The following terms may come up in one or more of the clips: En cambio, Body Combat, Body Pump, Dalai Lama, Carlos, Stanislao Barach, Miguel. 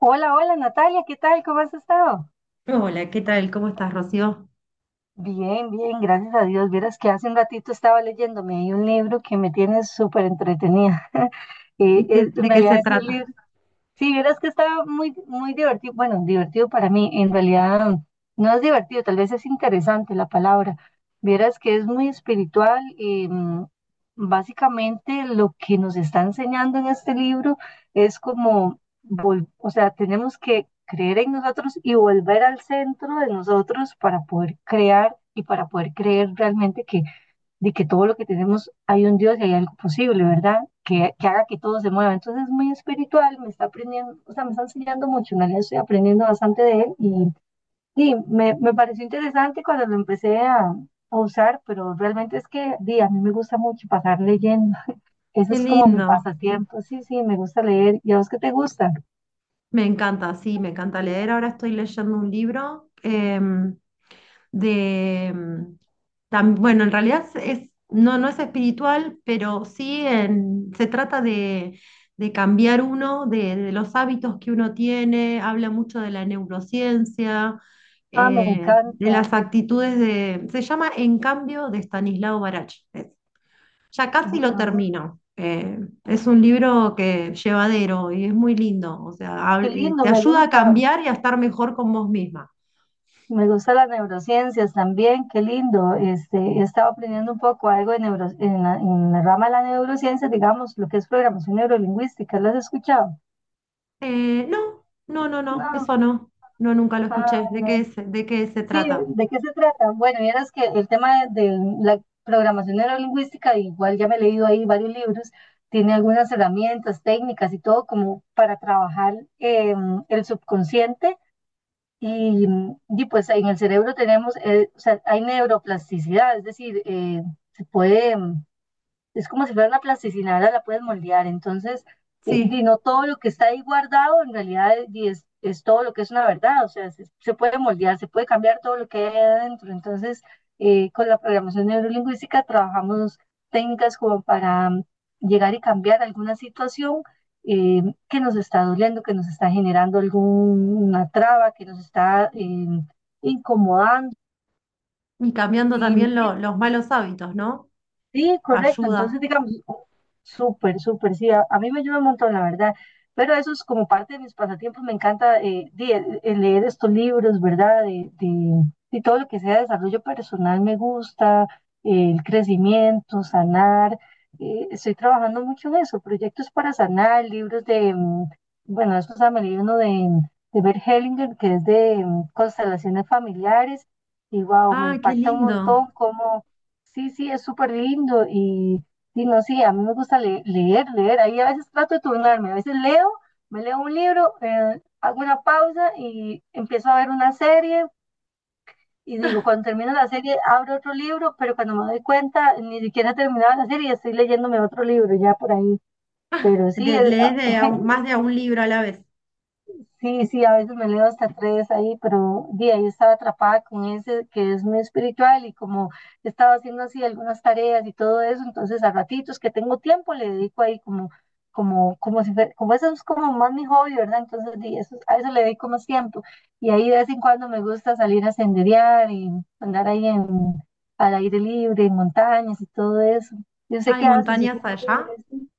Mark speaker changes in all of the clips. Speaker 1: Hola, hola Natalia, ¿qué tal? ¿Cómo has estado?
Speaker 2: Hola, ¿qué tal? ¿Cómo estás, Rocío?
Speaker 1: Bien, bien, gracias a Dios. Vieras que hace un ratito estaba leyéndome ahí un libro que me tiene súper entretenida. En
Speaker 2: De qué
Speaker 1: realidad
Speaker 2: se
Speaker 1: ese
Speaker 2: trata?
Speaker 1: libro sí, vieras que está muy, muy divertido. Bueno, divertido para mí, en realidad no es divertido, tal vez es interesante la palabra. Vieras que es muy espiritual. Básicamente lo que nos está enseñando en este libro es como, o sea, tenemos que creer en nosotros y volver al centro de nosotros para poder crear y para poder creer realmente que de que todo lo que tenemos hay un Dios y hay algo posible, ¿verdad? Que haga que todo se mueva. Entonces es muy espiritual, me está aprendiendo, o sea, me está enseñando mucho, en realidad estoy aprendiendo bastante de él y sí, me pareció interesante cuando lo empecé a usar, pero realmente es que di, a mí me gusta mucho pasar leyendo. Eso
Speaker 2: Qué
Speaker 1: es como mi
Speaker 2: lindo.
Speaker 1: pasatiempo. Sí, sí, me gusta leer. ¿Y a vos qué te gusta?
Speaker 2: Me encanta, sí, me encanta leer. Ahora estoy leyendo un libro de... bueno, en realidad no, no es espiritual, pero sí, se trata de cambiar uno, de los hábitos que uno tiene. Habla mucho de la neurociencia,
Speaker 1: Ah, me
Speaker 2: de
Speaker 1: encanta.
Speaker 2: las actitudes de... Se llama En cambio de Stanislao Barach. Ya casi
Speaker 1: Eh,
Speaker 2: lo
Speaker 1: ah,
Speaker 2: termino. Es un libro que llevadero y es muy lindo. O sea,
Speaker 1: Qué lindo,
Speaker 2: te
Speaker 1: me
Speaker 2: ayuda a
Speaker 1: gusta.
Speaker 2: cambiar y a estar mejor con vos misma.
Speaker 1: Me gustan las neurociencias también, qué lindo. Este, he estado aprendiendo un poco algo de neuro, en la rama de la neurociencia, digamos, lo que es programación neurolingüística. ¿Lo has escuchado?
Speaker 2: No, no, no, no,
Speaker 1: No.
Speaker 2: eso no. No, nunca lo escuché.
Speaker 1: Ah,
Speaker 2: De qué se
Speaker 1: sí,
Speaker 2: trata?
Speaker 1: ¿de qué se trata? Bueno, vieras que el tema de la programación neurolingüística, igual ya me he leído ahí varios libros, tiene algunas herramientas, técnicas y todo como para trabajar el subconsciente. Y, pues en el cerebro tenemos, o sea, hay neuroplasticidad, es decir, se puede es como si fuera una plasticina, ahora la puedes moldear. Entonces,
Speaker 2: Sí.
Speaker 1: di, no todo lo que está ahí guardado en realidad di, es todo lo que es una verdad, o sea, se puede moldear, se puede cambiar todo lo que hay adentro. Entonces, con la programación neurolingüística trabajamos técnicas como para llegar y cambiar alguna situación eh, que nos está doliendo, que nos está generando alguna traba, que nos está incomodando.
Speaker 2: Y cambiando
Speaker 1: Y,
Speaker 2: también
Speaker 1: y
Speaker 2: los malos hábitos, ¿no?
Speaker 1: sí, correcto.
Speaker 2: Ayuda.
Speaker 1: Entonces, digamos, súper, súper, sí, a mí me ayuda un montón, la verdad. Pero eso es como parte de mis pasatiempos. Me encanta el leer estos libros, ¿verdad? De todo lo que sea desarrollo personal me gusta, el crecimiento, sanar. Estoy trabajando mucho en eso, proyectos para sanar, libros de, bueno, eso se me leí uno de Bert Hellinger, que es de constelaciones familiares. Y wow, me
Speaker 2: Ah, qué
Speaker 1: impacta un
Speaker 2: lindo.
Speaker 1: montón cómo sí, sí, es súper lindo y no sé, a mí me gusta leer, leer. Ahí a veces trato de turnarme, a veces leo, me leo un libro, hago una pausa y empiezo a ver una serie y digo, cuando termino la serie abro otro libro, pero cuando me doy cuenta ni siquiera he terminado la serie y estoy leyéndome otro libro ya por ahí. Pero sí, es,
Speaker 2: Lees más de a un libro a la vez.
Speaker 1: sí, sí, a veces me leo hasta tres ahí, pero de ahí estaba atrapada con ese que es muy espiritual y como estaba haciendo así algunas tareas y todo eso, entonces a ratitos que tengo tiempo le dedico ahí como, como, como si fuera, como eso es como más mi hobby, ¿verdad? Entonces di, eso, a eso le dedico más tiempo. Y ahí de vez en cuando me gusta salir a senderear y andar ahí en, al aire libre, en montañas y todo eso. Yo
Speaker 2: Ah,
Speaker 1: sé
Speaker 2: ¿hay
Speaker 1: qué hace en su
Speaker 2: montañas
Speaker 1: tiempo libre.
Speaker 2: allá?
Speaker 1: ¿Sí?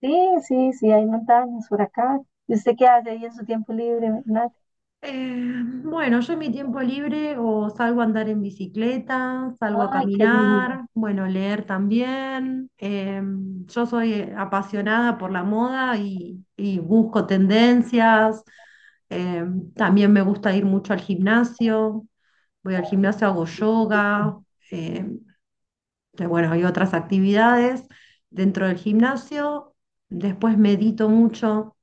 Speaker 1: Sí, sí, sí, hay montañas por acá. ¿Y usted qué hace ahí en su tiempo libre, Nat?
Speaker 2: Bueno, yo en mi tiempo libre o salgo a andar en bicicleta, salgo a
Speaker 1: Ay, qué lindo.
Speaker 2: caminar, bueno, leer también. Yo soy apasionada por la moda y busco tendencias. Eh, También me gusta ir mucho al gimnasio. Voy al gimnasio,
Speaker 1: Ah,
Speaker 2: hago
Speaker 1: sí,
Speaker 2: yoga. eh, y bueno, hay otras actividades dentro del gimnasio. Después medito mucho,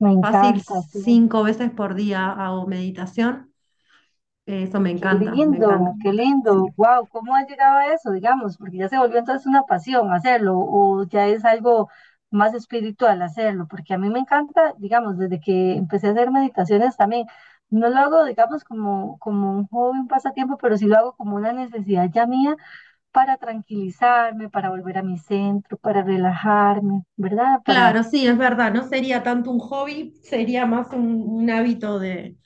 Speaker 1: me
Speaker 2: fácil,
Speaker 1: encanta, sí.
Speaker 2: cinco veces por día hago meditación. Eso me
Speaker 1: Qué
Speaker 2: encanta, me encanta.
Speaker 1: lindo, qué
Speaker 2: Sí.
Speaker 1: lindo. Wow, ¿cómo ha llegado a eso, digamos? Porque ya se volvió entonces una pasión hacerlo o ya es algo más espiritual hacerlo, porque a mí me encanta, digamos, desde que empecé a hacer meditaciones también. No lo hago, digamos, como, como un hobby, un pasatiempo, pero sí lo hago como una necesidad ya mía para tranquilizarme, para volver a mi centro, para relajarme, ¿verdad? Para,
Speaker 2: Claro, sí, es verdad, no sería tanto un hobby, sería más un hábito de,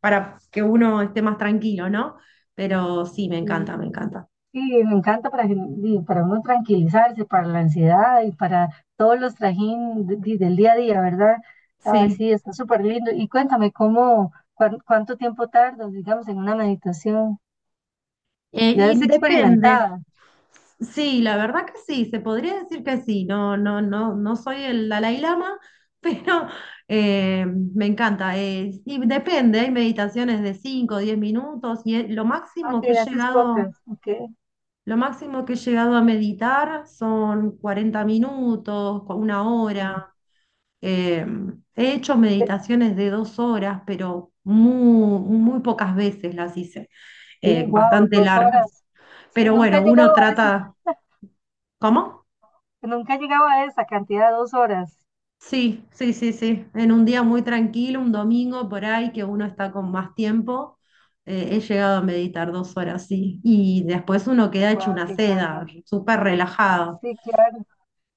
Speaker 2: para que uno esté más tranquilo, ¿no? Pero sí, me
Speaker 1: y,
Speaker 2: encanta, me encanta.
Speaker 1: y me encanta para, y para uno tranquilizarse, para la ansiedad y para todos los trajín del día a día, ¿verdad? Ah,
Speaker 2: Sí.
Speaker 1: sí, está súper lindo. Y cuéntame, ¿cómo, cuánto tiempo tardas, digamos, en una meditación? Ya
Speaker 2: Y
Speaker 1: es
Speaker 2: depende.
Speaker 1: experimentada.
Speaker 2: Sí, la verdad que sí, se podría decir que sí. No, no, no, no soy el Dalai Lama, pero me encanta. Y depende, hay meditaciones de 5 o 10 minutos y lo
Speaker 1: Ah,
Speaker 2: máximo que he
Speaker 1: que haces pocas.
Speaker 2: llegado.
Speaker 1: Ok.
Speaker 2: Lo máximo que he llegado a meditar son 40 minutos, una
Speaker 1: Sí,
Speaker 2: hora. Eh, He hecho
Speaker 1: Eh,
Speaker 2: meditaciones de 2 horas, pero muy, muy pocas veces las hice,
Speaker 1: sí, wow,
Speaker 2: bastante
Speaker 1: dos
Speaker 2: largas.
Speaker 1: horas. Sí,
Speaker 2: Pero
Speaker 1: nunca he
Speaker 2: bueno,
Speaker 1: llegado
Speaker 2: uno
Speaker 1: a eso.
Speaker 2: trata... ¿Cómo?
Speaker 1: Nunca he llegado a esa cantidad, 2 horas.
Speaker 2: Sí, sí, sí, sí. En un día muy tranquilo, un domingo por ahí, que uno está con más tiempo, he llegado a meditar 2 horas, sí. Y después uno queda hecho
Speaker 1: Wow,
Speaker 2: una
Speaker 1: qué
Speaker 2: seda,
Speaker 1: carga.
Speaker 2: súper relajado.
Speaker 1: Sí, claro,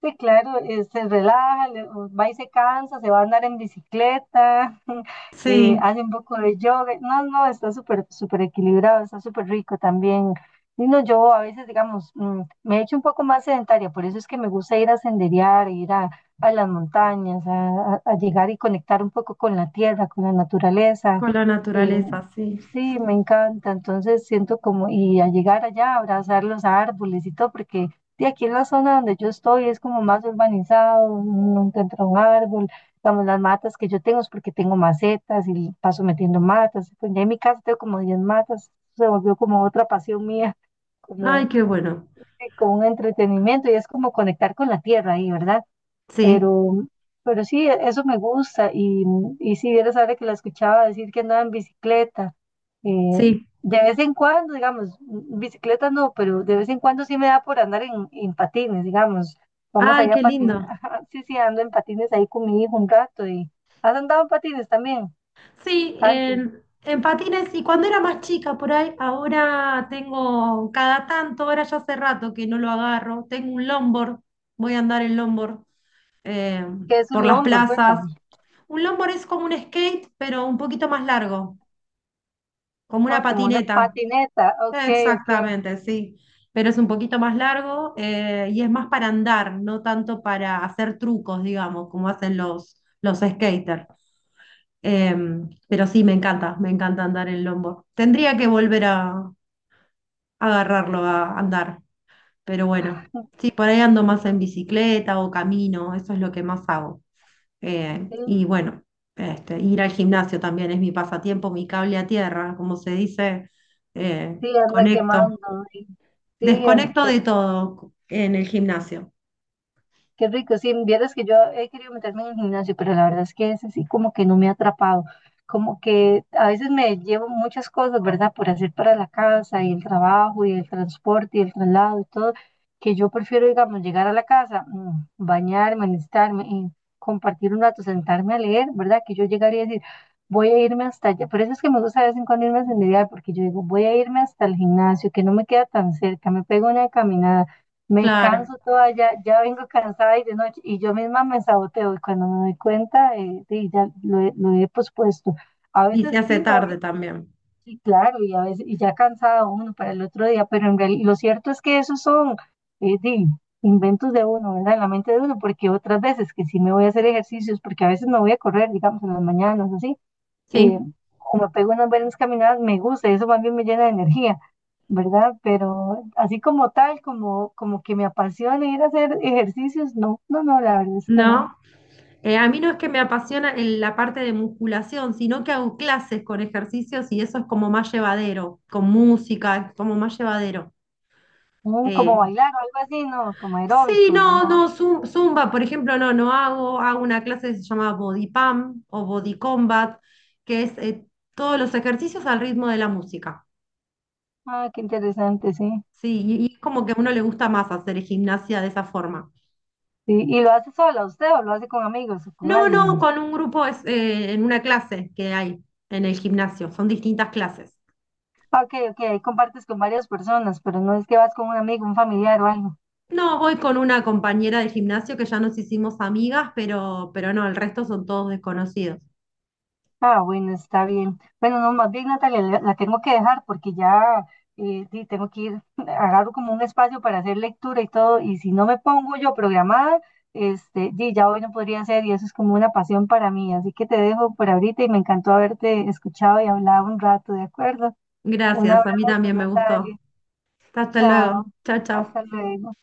Speaker 1: sí, claro, se relaja, va y se cansa, se va a andar en bicicleta,
Speaker 2: Sí.
Speaker 1: hace un poco de yoga, no, no, está súper, súper equilibrado, está súper rico también. Y no, yo a veces, digamos, me he hecho un poco más sedentaria, por eso es que me gusta ir a senderear, ir a las montañas, a llegar y conectar un poco con la tierra, con la naturaleza.
Speaker 2: Con la
Speaker 1: eh,
Speaker 2: naturaleza, sí.
Speaker 1: Sí, me encanta. Entonces siento como, y a llegar allá, abrazar los árboles y todo, porque y aquí en la zona donde yo estoy es como más urbanizado, no encuentro un árbol, digamos, las matas que yo tengo es porque tengo macetas y paso metiendo matas. Pues ya en mi casa tengo como 10 matas, se volvió como otra pasión mía,
Speaker 2: Ay,
Speaker 1: como,
Speaker 2: qué bueno.
Speaker 1: sí, como un entretenimiento y es como conectar con la tierra ahí, ¿verdad?
Speaker 2: Sí,
Speaker 1: Pero, pero sí, eso me gusta. Y si vieras ahora que la escuchaba decir que andaba en bicicleta, eh,
Speaker 2: sí.
Speaker 1: de vez en cuando, digamos, bicicleta no, pero de vez en cuando sí me da por andar en patines, digamos. Vamos
Speaker 2: Ay,
Speaker 1: allá a
Speaker 2: qué
Speaker 1: patinar.
Speaker 2: lindo.
Speaker 1: Sí, sí, ando en patines ahí con mi hijo un rato. Y ¿has andado en patines también?
Speaker 2: Sí,
Speaker 1: Antes.
Speaker 2: en patines, y cuando era más chica por ahí, ahora tengo cada tanto, ahora ya hace rato que no lo agarro, tengo un longboard, voy a andar en longboard eh,
Speaker 1: ¿Qué es
Speaker 2: por
Speaker 1: un
Speaker 2: las
Speaker 1: longboard?
Speaker 2: plazas.
Speaker 1: Cuéntame.
Speaker 2: Un longboard es como un skate, pero un poquito más largo. Como una
Speaker 1: Ah, como una
Speaker 2: patineta.
Speaker 1: patineta. Ok, ok.
Speaker 2: Exactamente, sí. Pero es un poquito más largo, y es más para andar, no tanto para hacer trucos, digamos, como hacen los skaters. Pero sí, me encanta andar en lombo. Tendría que volver a, agarrarlo a andar. Pero bueno, sí, por ahí ando más en bicicleta o camino, eso es lo que más hago.
Speaker 1: Sí,
Speaker 2: Y bueno, este, ir al gimnasio también es mi pasatiempo, mi cable a tierra, como se dice, eh,
Speaker 1: sí, anda
Speaker 2: conecto,
Speaker 1: quemando. Sí, sí,
Speaker 2: desconecto de todo en el gimnasio.
Speaker 1: qué rico, sí, vieras que yo he querido meterme en el gimnasio, pero la verdad es que ese sí como que no me ha atrapado, como que a veces me llevo muchas cosas, ¿verdad? Por hacer para la casa y el trabajo y el transporte y el traslado y todo, que yo prefiero, digamos, llegar a la casa, bañarme, alistarme y compartir un rato, sentarme a leer, ¿verdad? Que yo llegaría a decir, voy a irme hasta allá, por eso es que me gusta de vez en cuando irme a senderear, porque yo digo, voy a irme hasta el gimnasio, que no me queda tan cerca, me pego una caminada, me
Speaker 2: Claro,
Speaker 1: canso toda, ya, ya vengo cansada y de noche, y yo misma me saboteo, y cuando me doy cuenta, sí, he lo he pospuesto. A
Speaker 2: y se
Speaker 1: veces
Speaker 2: hace
Speaker 1: sí me voy,
Speaker 2: tarde también.
Speaker 1: sí, claro, y a veces, y ya cansada uno para el otro día, pero en realidad, lo cierto es que esos son sí, inventos de uno, ¿verdad? En la mente de uno, porque otras veces que sí me voy a hacer ejercicios, porque a veces me voy a correr, digamos, en las mañanas, así, eh,
Speaker 2: Sí.
Speaker 1: como pego unas buenas caminadas, me gusta, eso más bien me llena de energía, ¿verdad? Pero así como tal, como, como que me apasione ir a hacer ejercicios, no, no, no, la verdad es que no.
Speaker 2: No. A mí no es que me apasiona la parte de musculación, sino que hago clases con ejercicios y eso es como más llevadero, con música, es como más llevadero.
Speaker 1: Mm, como
Speaker 2: Eh,
Speaker 1: bailar o algo así, no, como
Speaker 2: sí,
Speaker 1: aeróbicos,
Speaker 2: no,
Speaker 1: no.
Speaker 2: no, zumba, por ejemplo, no, no hago, hago una clase que se llama Body Pump o Body Combat, que es todos los ejercicios al ritmo de la música.
Speaker 1: Ah, qué interesante, sí.
Speaker 2: Sí, y es como que a uno le gusta más hacer gimnasia de esa forma.
Speaker 1: Sí, ¿y lo hace sola usted o lo hace con amigos o con
Speaker 2: No, no,
Speaker 1: alguien?
Speaker 2: con un grupo es, en una clase que hay en el gimnasio, son distintas clases.
Speaker 1: Ah, ok, ok, ahí compartes con varias personas, pero no es que vas con un amigo, un familiar o algo.
Speaker 2: No, voy con una compañera de gimnasio que ya nos hicimos amigas, pero no, el resto son todos desconocidos.
Speaker 1: Ah, bueno, está bien. Bueno, no, más bien, Natalia, la tengo que dejar porque ya sí, tengo que ir, agarro como un espacio para hacer lectura y todo, y si no me pongo yo programada, este, sí, ya hoy no podría ser, y eso es como una pasión para mí. Así que te dejo por ahorita y me encantó haberte escuchado y hablado un rato, ¿de acuerdo? Un
Speaker 2: Gracias, a mí
Speaker 1: abrazo,
Speaker 2: también me
Speaker 1: Natalia.
Speaker 2: gustó. Hasta luego.
Speaker 1: Chao.
Speaker 2: Chao, chao.
Speaker 1: Hasta luego.